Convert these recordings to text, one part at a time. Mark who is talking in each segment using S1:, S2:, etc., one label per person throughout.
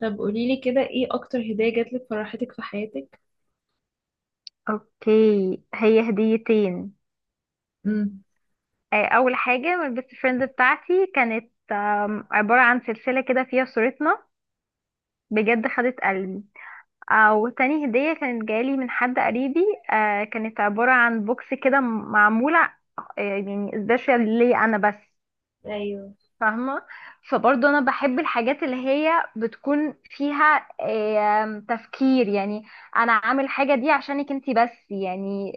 S1: طب قوليلي كده، ايه اكتر هدية جاتلك فرحتك في حياتك؟
S2: اوكي. هي هديتين.
S1: امم.
S2: اول حاجه من البيست فريند بتاعتي كانت عباره عن سلسله كده فيها صورتنا. بجد خدت قلبي. او تاني هديه كانت جالي من حد قريبي. كانت عباره عن بوكس كده معموله. يعني سبيشال ليا انا بس.
S1: ايوه.
S2: فاهمه؟ فبرضه انا بحب الحاجات اللي هي بتكون فيها تفكير، يعني انا عامل حاجه دي عشانك انتي بس، يعني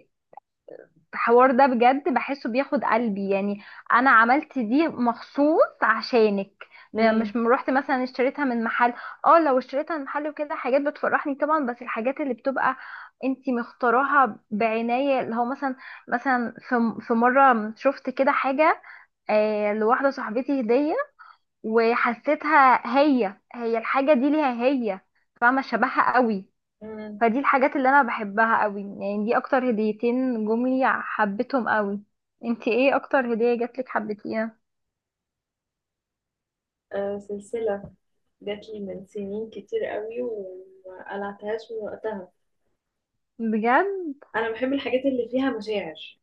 S2: الحوار ده بجد بحسه بياخد قلبي، يعني انا عملت دي مخصوص عشانك. مش
S1: امم.
S2: روحت مثلا اشتريتها من محل. اه، لو اشتريتها من محل وكده حاجات بتفرحني طبعا، بس الحاجات اللي بتبقى انتي مختاراها بعناية، اللي هو مثلا، مثلا في مرة شفت كده حاجة، لواحدة صاحبتي هدية، وحسيتها هي هي الحاجة دي ليها هي. فاهمة؟ شبهها قوي.
S1: امم.
S2: فدي الحاجات اللي انا بحبها قوي، يعني دي اكتر هديتين جم لي حبيتهم قوي. انتي ايه اكتر هدية جاتلك حبيتيها؟
S1: آه، سلسله جات لي من سنين كتير قوي وما قلعتهاش من وقتها.
S2: بجد؟
S1: انا بحب الحاجات اللي فيها مشاعر.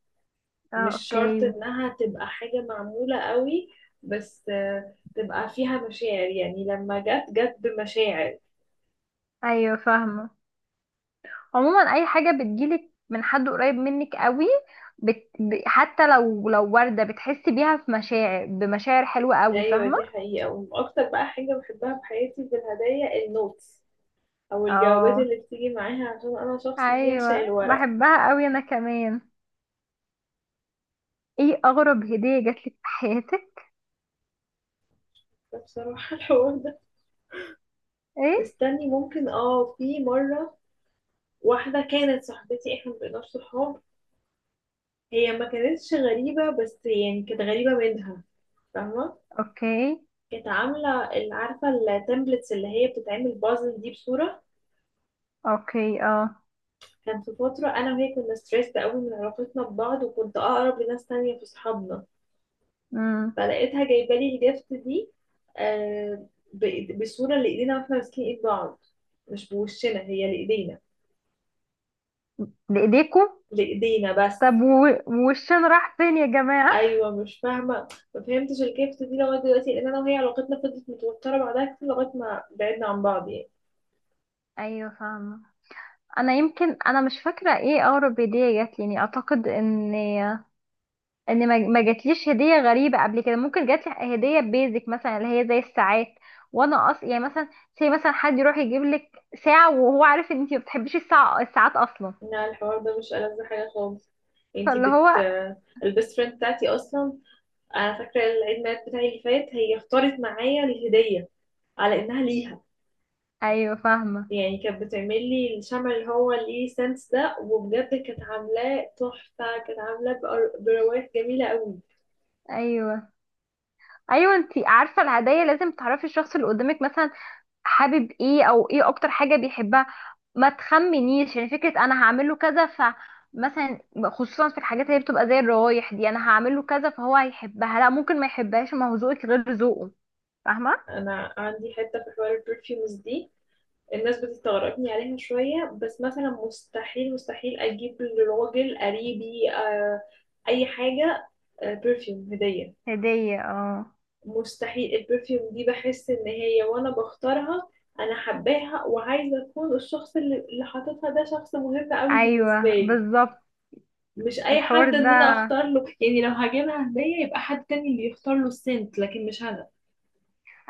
S2: اه،
S1: مش شرط
S2: اوكي.
S1: انها تبقى حاجه معموله قوي، بس تبقى فيها مشاعر، يعني لما جت جت بمشاعر.
S2: ايوه، فاهمه. عموما اي حاجه بتجيلك من حد قريب منك قوي، حتى لو ورده بتحسي بيها في مشاعر، بمشاعر حلوه قوي،
S1: ايوه
S2: فاهمه؟
S1: دي حقيقه، واكتر بقى حاجه بحبها في حياتي في الهدايا النوتس او الجوابات
S2: اه،
S1: اللي بتيجي معاها، عشان انا شخص بيعشق
S2: ايوه،
S1: الورق.
S2: بحبها قوي انا كمان. ايه اغرب هديه جاتلك في حياتك؟
S1: بصراحة الحوار ده،
S2: ايه؟
S1: استني، ممكن في مرة، واحدة كانت صاحبتي، احنا مبقيناش صحاب. هي ما كانتش غريبة بس يعني كانت غريبة منها، فاهمة.
S2: اوكي.
S1: كانت عاملة عارفة التمبلتس اللي هي بتتعمل بازل دي بصورة.
S2: اوكي. اه.
S1: كان في فترة أنا وهي كنا ستريسد قوي من علاقتنا ببعض، وكنت أقرب لناس تانية في صحابنا.
S2: امم.
S1: فلقيتها جايبة لي الجفت دي، آه بصورة لإيدينا واحنا ماسكين إيد بعض، مش بوشنا، هي لإيدينا،
S2: بايديكوا؟
S1: لإيدينا بس.
S2: طب والشين راح فين يا جماعة؟
S1: ايوه مش فاهمه، ما فهمتش الجيفت دي لغايه دلوقتي، لان انا وهي علاقتنا فضلت متوتره بعدها كتير لغايه ما بعدنا عن بعض يعني.
S2: ايوه، فاهمة. انا يمكن انا مش فاكرة ايه اقرب هدية جات لي، يعني اعتقد ان ما جاتليش هدية غريبة قبل كده. ممكن جات لي هدية بيزك مثلا، اللي هي زي الساعات. وانا اصلا يعني مثلا، زي مثلا حد يروح يجيب لك ساعة وهو عارف ان انتي ما بتحبيش الساعات اصلا.
S1: لا الحوار ده مش ألذ حاجه خالص. انتي
S2: فاللي
S1: بت
S2: هو،
S1: البيست فريند بتاعتي اصلا، انا فاكره العيد ميلاد بتاعي اللي فات هي اختارت معايا الهديه على انها ليها.
S2: ايوه، فاهمة.
S1: يعني كانت بتعمل لي الشمع اللي هو ليه سنس ده، وبجد كانت عاملاه تحفه، كانت عاملاه بروايح جميله قوي.
S2: ايوه، ايوه. انتي عارفة الهدايا لازم تعرفي الشخص اللي قدامك، مثلا حابب ايه او ايه اكتر حاجة بيحبها. ما تخمنيش، يعني فكرة انا هعمله كذا، فمثلا خصوصا في الحاجات اللي بتبقى زي الروايح دي، انا هعمله كذا فهو هيحبها، لا ممكن ما يحبهاش، ما هو ذوقك غير ذوقه. فاهمة؟
S1: انا عندي حته في حوار البرفيومز دي، الناس بتستغربني عليها شوية، بس مثلا مستحيل مستحيل أجيب لراجل قريبي أي حاجة، برفيوم هدية.
S2: هدية، اه،
S1: مستحيل البرفيوم دي بحس إن هي وأنا بختارها، أنا حباها وعايزة أكون الشخص اللي حاططها، ده شخص مهم أوي بالنسبة
S2: ايوه،
S1: لي.
S2: بالظبط.
S1: مش أي
S2: الحوار
S1: حد إن أنا
S2: ده،
S1: أختار له، يعني لو هجيبها هدية يبقى حد تاني اللي يختار له السنت لكن مش أنا.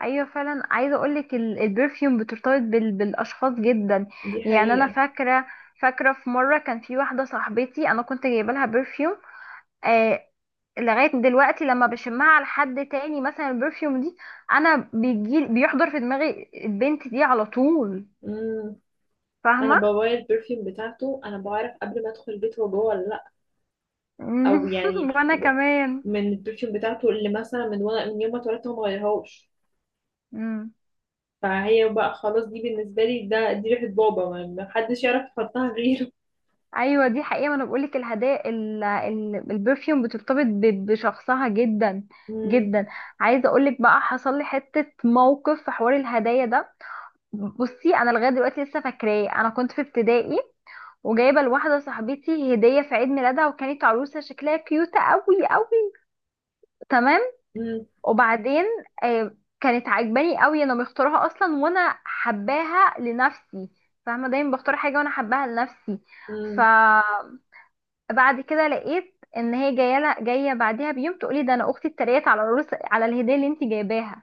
S2: ايوه فعلا، عايزه اقولك البرفيوم بترتبط بالاشخاص جدا.
S1: دي
S2: يعني انا
S1: حقيقة.
S2: فاكره في مره كان في واحده صاحبتي، انا كنت جايبه لها برفيوم. لغاية دلوقتي لما بشمها على حد تاني مثلا، البرفيوم دي انا بيجي بيحضر في دماغي البنت دي على طول.
S1: مم. أنا
S2: فاهمة؟
S1: بغير البرفيوم بتاعته أنا بعرف قبل ما أدخل البيت هو جوه ولا لأ.
S2: مم.
S1: او يعني
S2: وانا كمان.
S1: من البرفيوم بتاعته اللي مثلا من وانا من يوم ما اتولدت هو ما غيرهاش.
S2: مم.
S1: فهي بقى خلاص، دي بالنسبه لي دي ريحه بابا، ما حدش يعرف يحطها غيره.
S2: ايوه، دي حقيقة. ما انا بقولك الهدايا البرفيوم بترتبط بشخصها جدا،
S1: امم.
S2: جدا. عايزة اقولك بقى، حصل لي حتة موقف في حوار الهدايا ده. بصي، انا لغاية دلوقتي لسه فاكراه. انا كنت في ابتدائي وجايبة لواحدة صاحبتي هدية في عيد ميلادها، وكانت عروسة شكلها كيوتة قوي قوي. تمام؟
S1: امم.
S2: وبعدين كانت عجباني قوي، انا مختارها اصلا وانا حباها لنفسي. فاهمه؟ دايما بختار حاجه وانا حباها لنفسي.
S1: امم.
S2: فبعد كده لقيت ان هي جايه بعدها بيوم تقولي: ده انا اختي اتريقت على الرز، على الهديه اللي انت جايباها.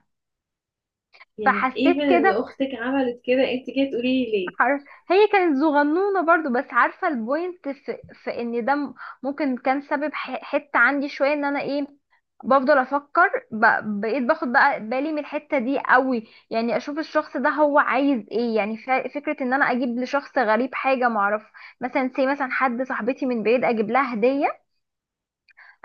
S1: يعني ايفن
S2: فحسيت
S1: ان
S2: كده.
S1: اختك عملت كده انت كده تقولي لي ليه؟
S2: حر... هي كانت صغنونة برضو، بس عارفة البوينت في ان ده ممكن كان سبب حتة عندي شوية، ان انا ايه، بفضل افكر بقيت باخد بقى بالي من الحتة دي قوي. يعني اشوف الشخص ده هو عايز ايه، يعني فكرة ان انا اجيب لشخص غريب حاجة معرف، مثلا مثلا حد صاحبتي من بعيد اجيب لها هدية،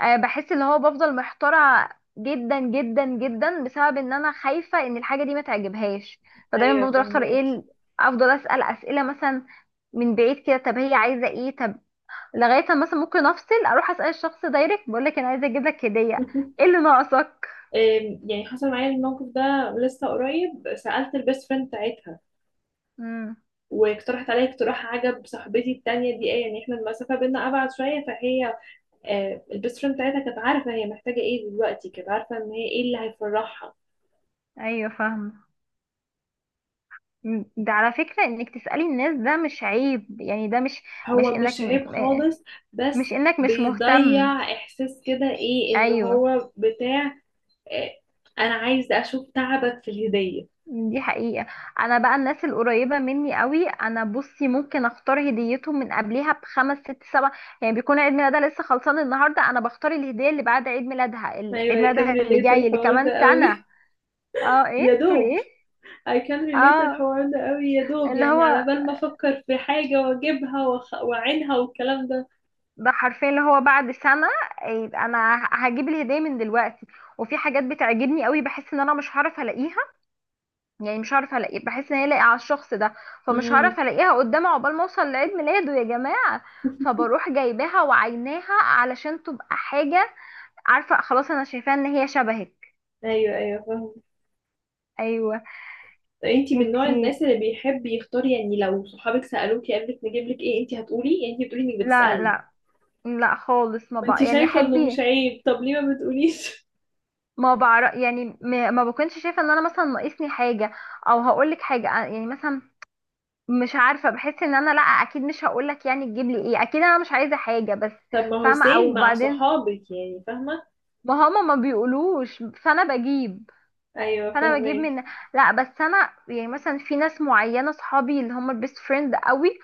S2: بحس اللي هو بفضل محتارة جدا جدا جدا، بسبب ان انا خايفة ان الحاجة دي ما تعجبهاش. فدايما
S1: ايوه
S2: بفضل اختار ايه
S1: فهمك.
S2: افضل اسأل اسئلة مثلا، من بعيد كده، طب هي عايزة ايه، طب لغاية ما مثلا ممكن افصل اروح اسأل الشخص دايركت، بقول لك انا عايزة اجيب لك هدية، ايه اللي ناقصك.
S1: يعني حصل معايا الموقف ده لسه قريب، سألت البيست فريند بتاعتها
S2: امم.
S1: واقترحت عليا اقتراح عجب صاحبتي التانية دي، ايه يعني احنا المسافة بينا أبعد شوية، فهي البيست فريند بتاعتها كانت عارفه هي محتاجه ايه دلوقتي، كانت عارفه ان هي ايه اللي هيفرحها.
S2: ايوه، فاهمة. ده على فكرة انك تسألي الناس ده مش عيب، يعني ده مش، مش
S1: هو مش
S2: انك
S1: عيب خالص، بس
S2: مش انك مش مهتم.
S1: بيضيع احساس كده، ايه اللي
S2: ايوه،
S1: هو بتاع، آه، انا عايز اشوف تعبك في الهديه.
S2: دي حقيقة. انا بقى الناس القريبة مني قوي، انا بصي ممكن اختار هديتهم من قبلها بخمس ست سبع، يعني بيكون عيد ميلادها لسه خلصان النهاردة، انا بختار الهدية اللي بعد عيد ميلادها، اللي
S1: ايوه
S2: عيد
S1: I can
S2: ميلادها اللي
S1: relate
S2: جاي اللي
S1: الحوار ده
S2: كمان سنة.
S1: قوي.
S2: اه، ايه
S1: يا
S2: تقولي،
S1: دوب
S2: ايه؟
S1: I can relate
S2: اه،
S1: الحوار ده قوي يا دوب،
S2: اللي
S1: يعني على
S2: هو
S1: بال ما افكر في حاجه واجيبها واعينها والكلام ده.
S2: ده حرفيا اللي هو بعد سنة، يبقى انا هجيب الهدية من دلوقتي. وفي حاجات بتعجبني قوي بحس ان انا مش هعرف الاقيها، يعني مش هعرف الاقيه، بحس ان هي لاقيه على الشخص ده، فمش
S1: امم.
S2: هعرف الاقيها قدامه عقبال ما اوصل لعيد ميلاده يا جماعه. فبروح جايباها وعيناها علشان تبقى حاجه، عارفه، خلاص انا شايفاها ان هي شبهك.
S1: ايوه ايوه فاهمة.
S2: ايوه.
S1: انتي من نوع الناس
S2: انتي،
S1: اللي بيحب يختار، يعني لو صحابك سألوكي قبلك نجيب لك ايه انتي هتقولي؟ يعني انتي بتقولي انك
S2: لا،
S1: بتسألي؟
S2: لا، لا، خالص، ما
S1: ما انتي
S2: بقى يعني
S1: شايفة انه مش
S2: حبي.
S1: عيب، طب ليه ما بتقوليش؟
S2: ما بعرف، يعني ما بكونش شايفه ان انا مثلا ناقصني حاجه، او هقولك حاجه، يعني مثلا مش عارفه. بحس ان انا، لا، اكيد مش هقولك يعني تجيب لي ايه، اكيد انا مش عايزه حاجه بس.
S1: طب ما هو
S2: فاهمه؟
S1: سيم
S2: او
S1: مع
S2: بعدين
S1: صحابك، يعني فاهمة.
S2: ما هما ما بيقولوش، فانا بجيب
S1: ايوه
S2: فانا بجيب
S1: فاهمك.
S2: من، لا بس انا يعني مثلا في ناس معينه صحابي اللي هما البيست فريند قوي،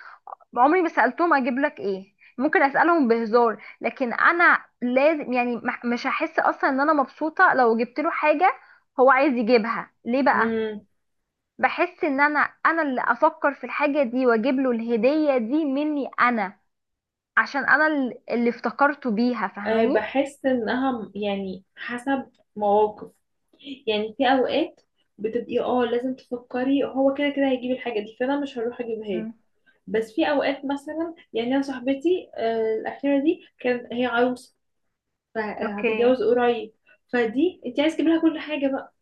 S2: عمري ما سالتهم اجيب لك ايه. ممكن اسالهم بهزار، لكن انا لازم يعني مش هحس اصلا ان انا مبسوطه لو جبت له حاجه هو عايز يجيبها ليه بقى.
S1: امم.
S2: بحس ان انا اللي افكر في الحاجه دي واجيب له الهديه دي مني انا، عشان انا اللي افتكرته بيها.
S1: أه
S2: فاهماني؟
S1: بحس انها يعني حسب مواقف، يعني في اوقات بتبقي لازم تفكري هو كده كده هيجيب الحاجة دي فانا مش هروح اجيبها له.
S2: مم.
S1: بس في اوقات مثلا، يعني انا صاحبتي الاخيره دي كانت هي عروسه،
S2: اوكي.
S1: فهتتجوز قريب، فدي انت عايز تجيب لها كل حاجه بقى،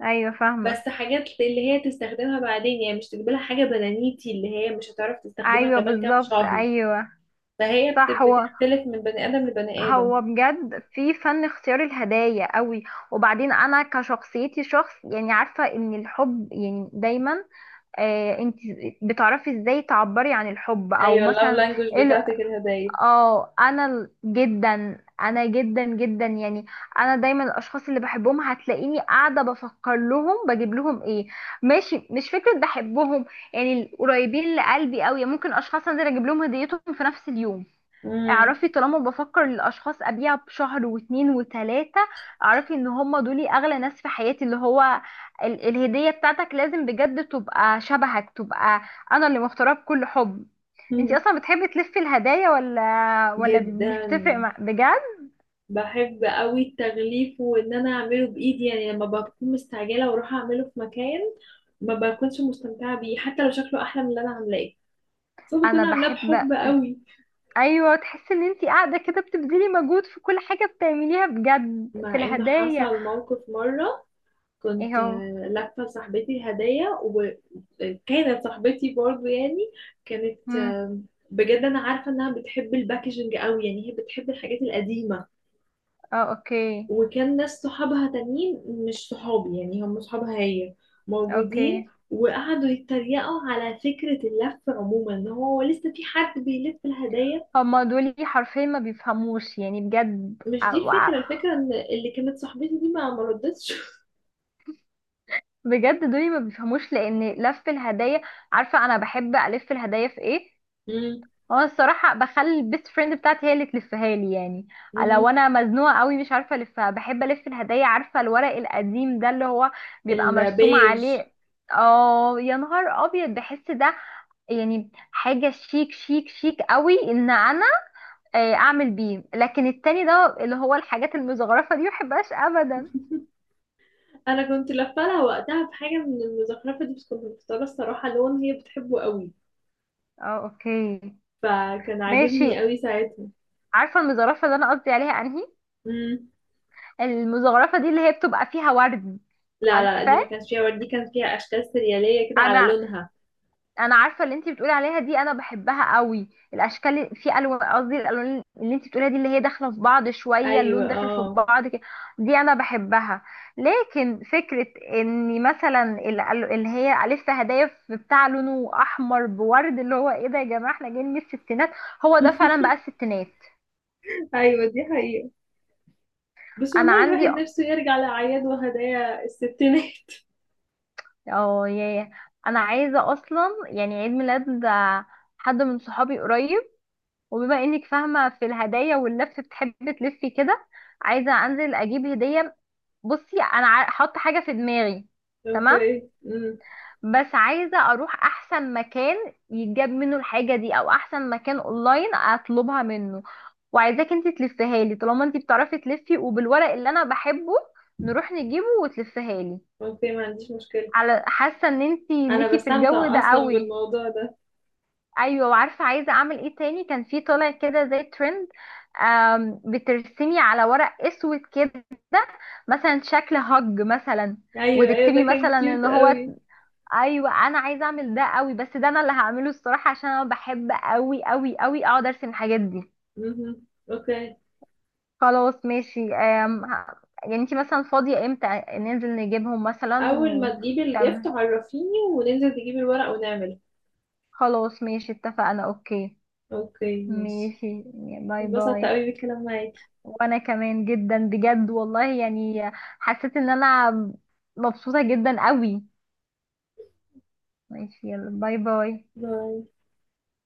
S2: ايوه، فاهمه.
S1: بس حاجات اللي هي تستخدمها بعدين، يعني مش تجيب لها حاجه بنانيتي اللي هي مش هتعرف تستخدمها
S2: ايوه،
S1: كمان كام
S2: بالظبط.
S1: شهر.
S2: ايوه.
S1: فهي
S2: صح. هو،
S1: بتختلف من بني ادم لبني ادم.
S2: هو بجد في فن اختيار الهدايا قوي. وبعدين انا كشخصيتي شخص، يعني عارفه ان الحب يعني دايما، انت بتعرفي ازاي تعبري عن الحب او
S1: ايوه اللاف
S2: مثلا،
S1: لانجوج
S2: ايه
S1: بتاعتك الهدايا.
S2: اه، انا جدا، انا جدا جدا يعني. انا دايما الاشخاص اللي بحبهم هتلاقيني قاعده بفكر لهم بجيب لهم ايه، ماشي مش فكره بحبهم، يعني القريبين لقلبي قوي ممكن اشخاص انزل اجيب لهم هديتهم في نفس اليوم.
S1: امم.
S2: اعرفي، طالما بفكر للاشخاص ابيع بشهر واتنين وتلاتة، اعرفي ان هم دول اغلى ناس في حياتي. اللي هو الهدية بتاعتك لازم بجد تبقى شبهك، تبقى انا اللي مختارها بكل حب. انتي اصلا بتحبي تلفي الهدايا ولا مش
S1: جدا.
S2: بتفرق مع بجد؟
S1: بحب قوي التغليف، وان انا اعمله بايدي، يعني لما بكون مستعجله واروح اعمله في مكان ما بكونش مستمتعه بيه حتى لو شكله احلى من اللي انا عاملاه، بس أنا
S2: انا
S1: بكون عاملاه
S2: بحب.
S1: بحب قوي.
S2: ايوه، تحسي ان انتي قاعدة كده بتبذلي مجهود في كل حاجة بتعمليها بجد في
S1: مع ان
S2: الهدايا.
S1: حصل موقف مرة،
S2: ايه
S1: كنت
S2: هو؟
S1: لافة لصاحبتي هدية، وكانت صاحبتي برضو يعني كانت
S2: مم.
S1: بجد انا عارفة انها بتحب الباكجينج قوي، يعني هي بتحب الحاجات القديمة.
S2: اه. اوكي.
S1: وكان ناس صحابها تانيين، مش صحابي، يعني هم صحابها هي، موجودين.
S2: اوكي.
S1: وقعدوا يتريقوا على فكرة اللف عموما، ان هو لسه في حد بيلف الهدايا.
S2: هما دول حرفيا ما بيفهموش، يعني بجد
S1: مش دي الفكرة، الفكرة ان اللي كانت صاحبتي دي ما ردتش.
S2: بجد دول ما بيفهموش، لان لف الهدايا، عارفه انا بحب الف الهدايا في ايه، هو أنا الصراحه بخلي البيست فريند بتاعتي هي اللي تلفها لي يعني،
S1: مم.
S2: لو انا مزنوقه قوي مش عارفه الفها. بحب الف الهدايا، عارفه الورق القديم ده اللي هو بيبقى مرسوم
S1: البيج.
S2: عليه. اه يا نهار ابيض، بحس ده يعني حاجه شيك شيك شيك قوي، ان انا اعمل بيه. لكن التاني ده اللي هو الحاجات المزخرفه دي محبهاش ابدا.
S1: انا كنت لفه لها وقتها بحاجه من المزخرفه دي، بس كنت مختاره الصراحه لون هي بتحبه قوي،
S2: اه، اوكي،
S1: فكان عاجبني
S2: ماشي.
S1: قوي ساعتها.
S2: عارفه المزخرفه اللي انا قصدي عليها انهي؟
S1: امم.
S2: المزخرفه دي اللي هي بتبقى فيها ورد.
S1: لا لا لا، دي ما
S2: عارفاه؟
S1: كانش فيها ورد، دي كان فيها اشكال سرياليه كده على
S2: انا
S1: لونها.
S2: انا عارفه اللي انت بتقولي عليها دي، انا بحبها قوي. الاشكال في الوان، قصدي الالوان اللي انت بتقوليها دي اللي هي داخله في بعض شويه،
S1: ايوه
S2: اللون داخل في
S1: اه.
S2: بعض كده. دي انا بحبها. لكن فكره ان مثلا اللي هي الف هدايا في بتاع لونه احمر بورد، اللي هو ايه ده يا جماعه، احنا جايين من الستينات؟ هو ده فعلا بقى الستينات.
S1: ايوه دي حقيقه، بس
S2: انا
S1: والله الواحد
S2: عندي،
S1: نفسه يرجع لاعياد وهدايا الستينات.
S2: اه، انا عايزه اصلا، يعني عيد ميلاد حد من صحابي قريب، وبما انك فاهمة في الهدايا واللف بتحبي تلفي كده، عايزة انزل اجيب هدية. بصي، انا حاطة حاجة في دماغي. تمام؟
S1: اوكي امم.
S2: بس عايزة اروح احسن مكان يتجاب منه الحاجة دي، او احسن مكان اونلاين اطلبها منه، وعايزاك انت تلفيها لي طالما انت بتعرفي تلفي، وبالورق اللي انا بحبه، نروح نجيبه وتلفيها لي.
S1: اوكي ما عنديش مشكله،
S2: على حاسة ان انت
S1: انا
S2: ليكي في الجو
S1: بستمتع
S2: ده
S1: اصلا
S2: قوي.
S1: بالموضوع ده.
S2: ايوه، وعارفه عايزه اعمل ايه تاني؟ كان في طالع كده زي ترند، بترسمي على ورق اسود كده مثلا شكل هج مثلا،
S1: ايوه ايوه ده
S2: وتكتبي
S1: كان
S2: مثلا
S1: كيوت
S2: ان هو.
S1: قوي.
S2: ايوه، انا عايزه اعمل ده قوي، بس ده انا اللي هعمله الصراحه، عشان انا بحب قوي قوي قوي اقعد ارسم الحاجات دي.
S1: امم اوكي.
S2: خلاص، ماشي. يعني انتي مثلا فاضيه امتى ننزل نجيبهم مثلا
S1: اول ما تجيبي الجيفت
S2: تمام.
S1: عرفيني، وننزل تجيبي الورق ونعمله.
S2: خلاص ماشي، اتفقنا. اوكي،
S1: اوكي ماشي.
S2: ماشي. باي
S1: انبسطت
S2: باي.
S1: قوي بالكلام معاكي.
S2: وانا كمان جدا، بجد والله، يعني حسيت ان انا مبسوطة جدا قوي. ماشي، يلا، باي باي.
S1: باي.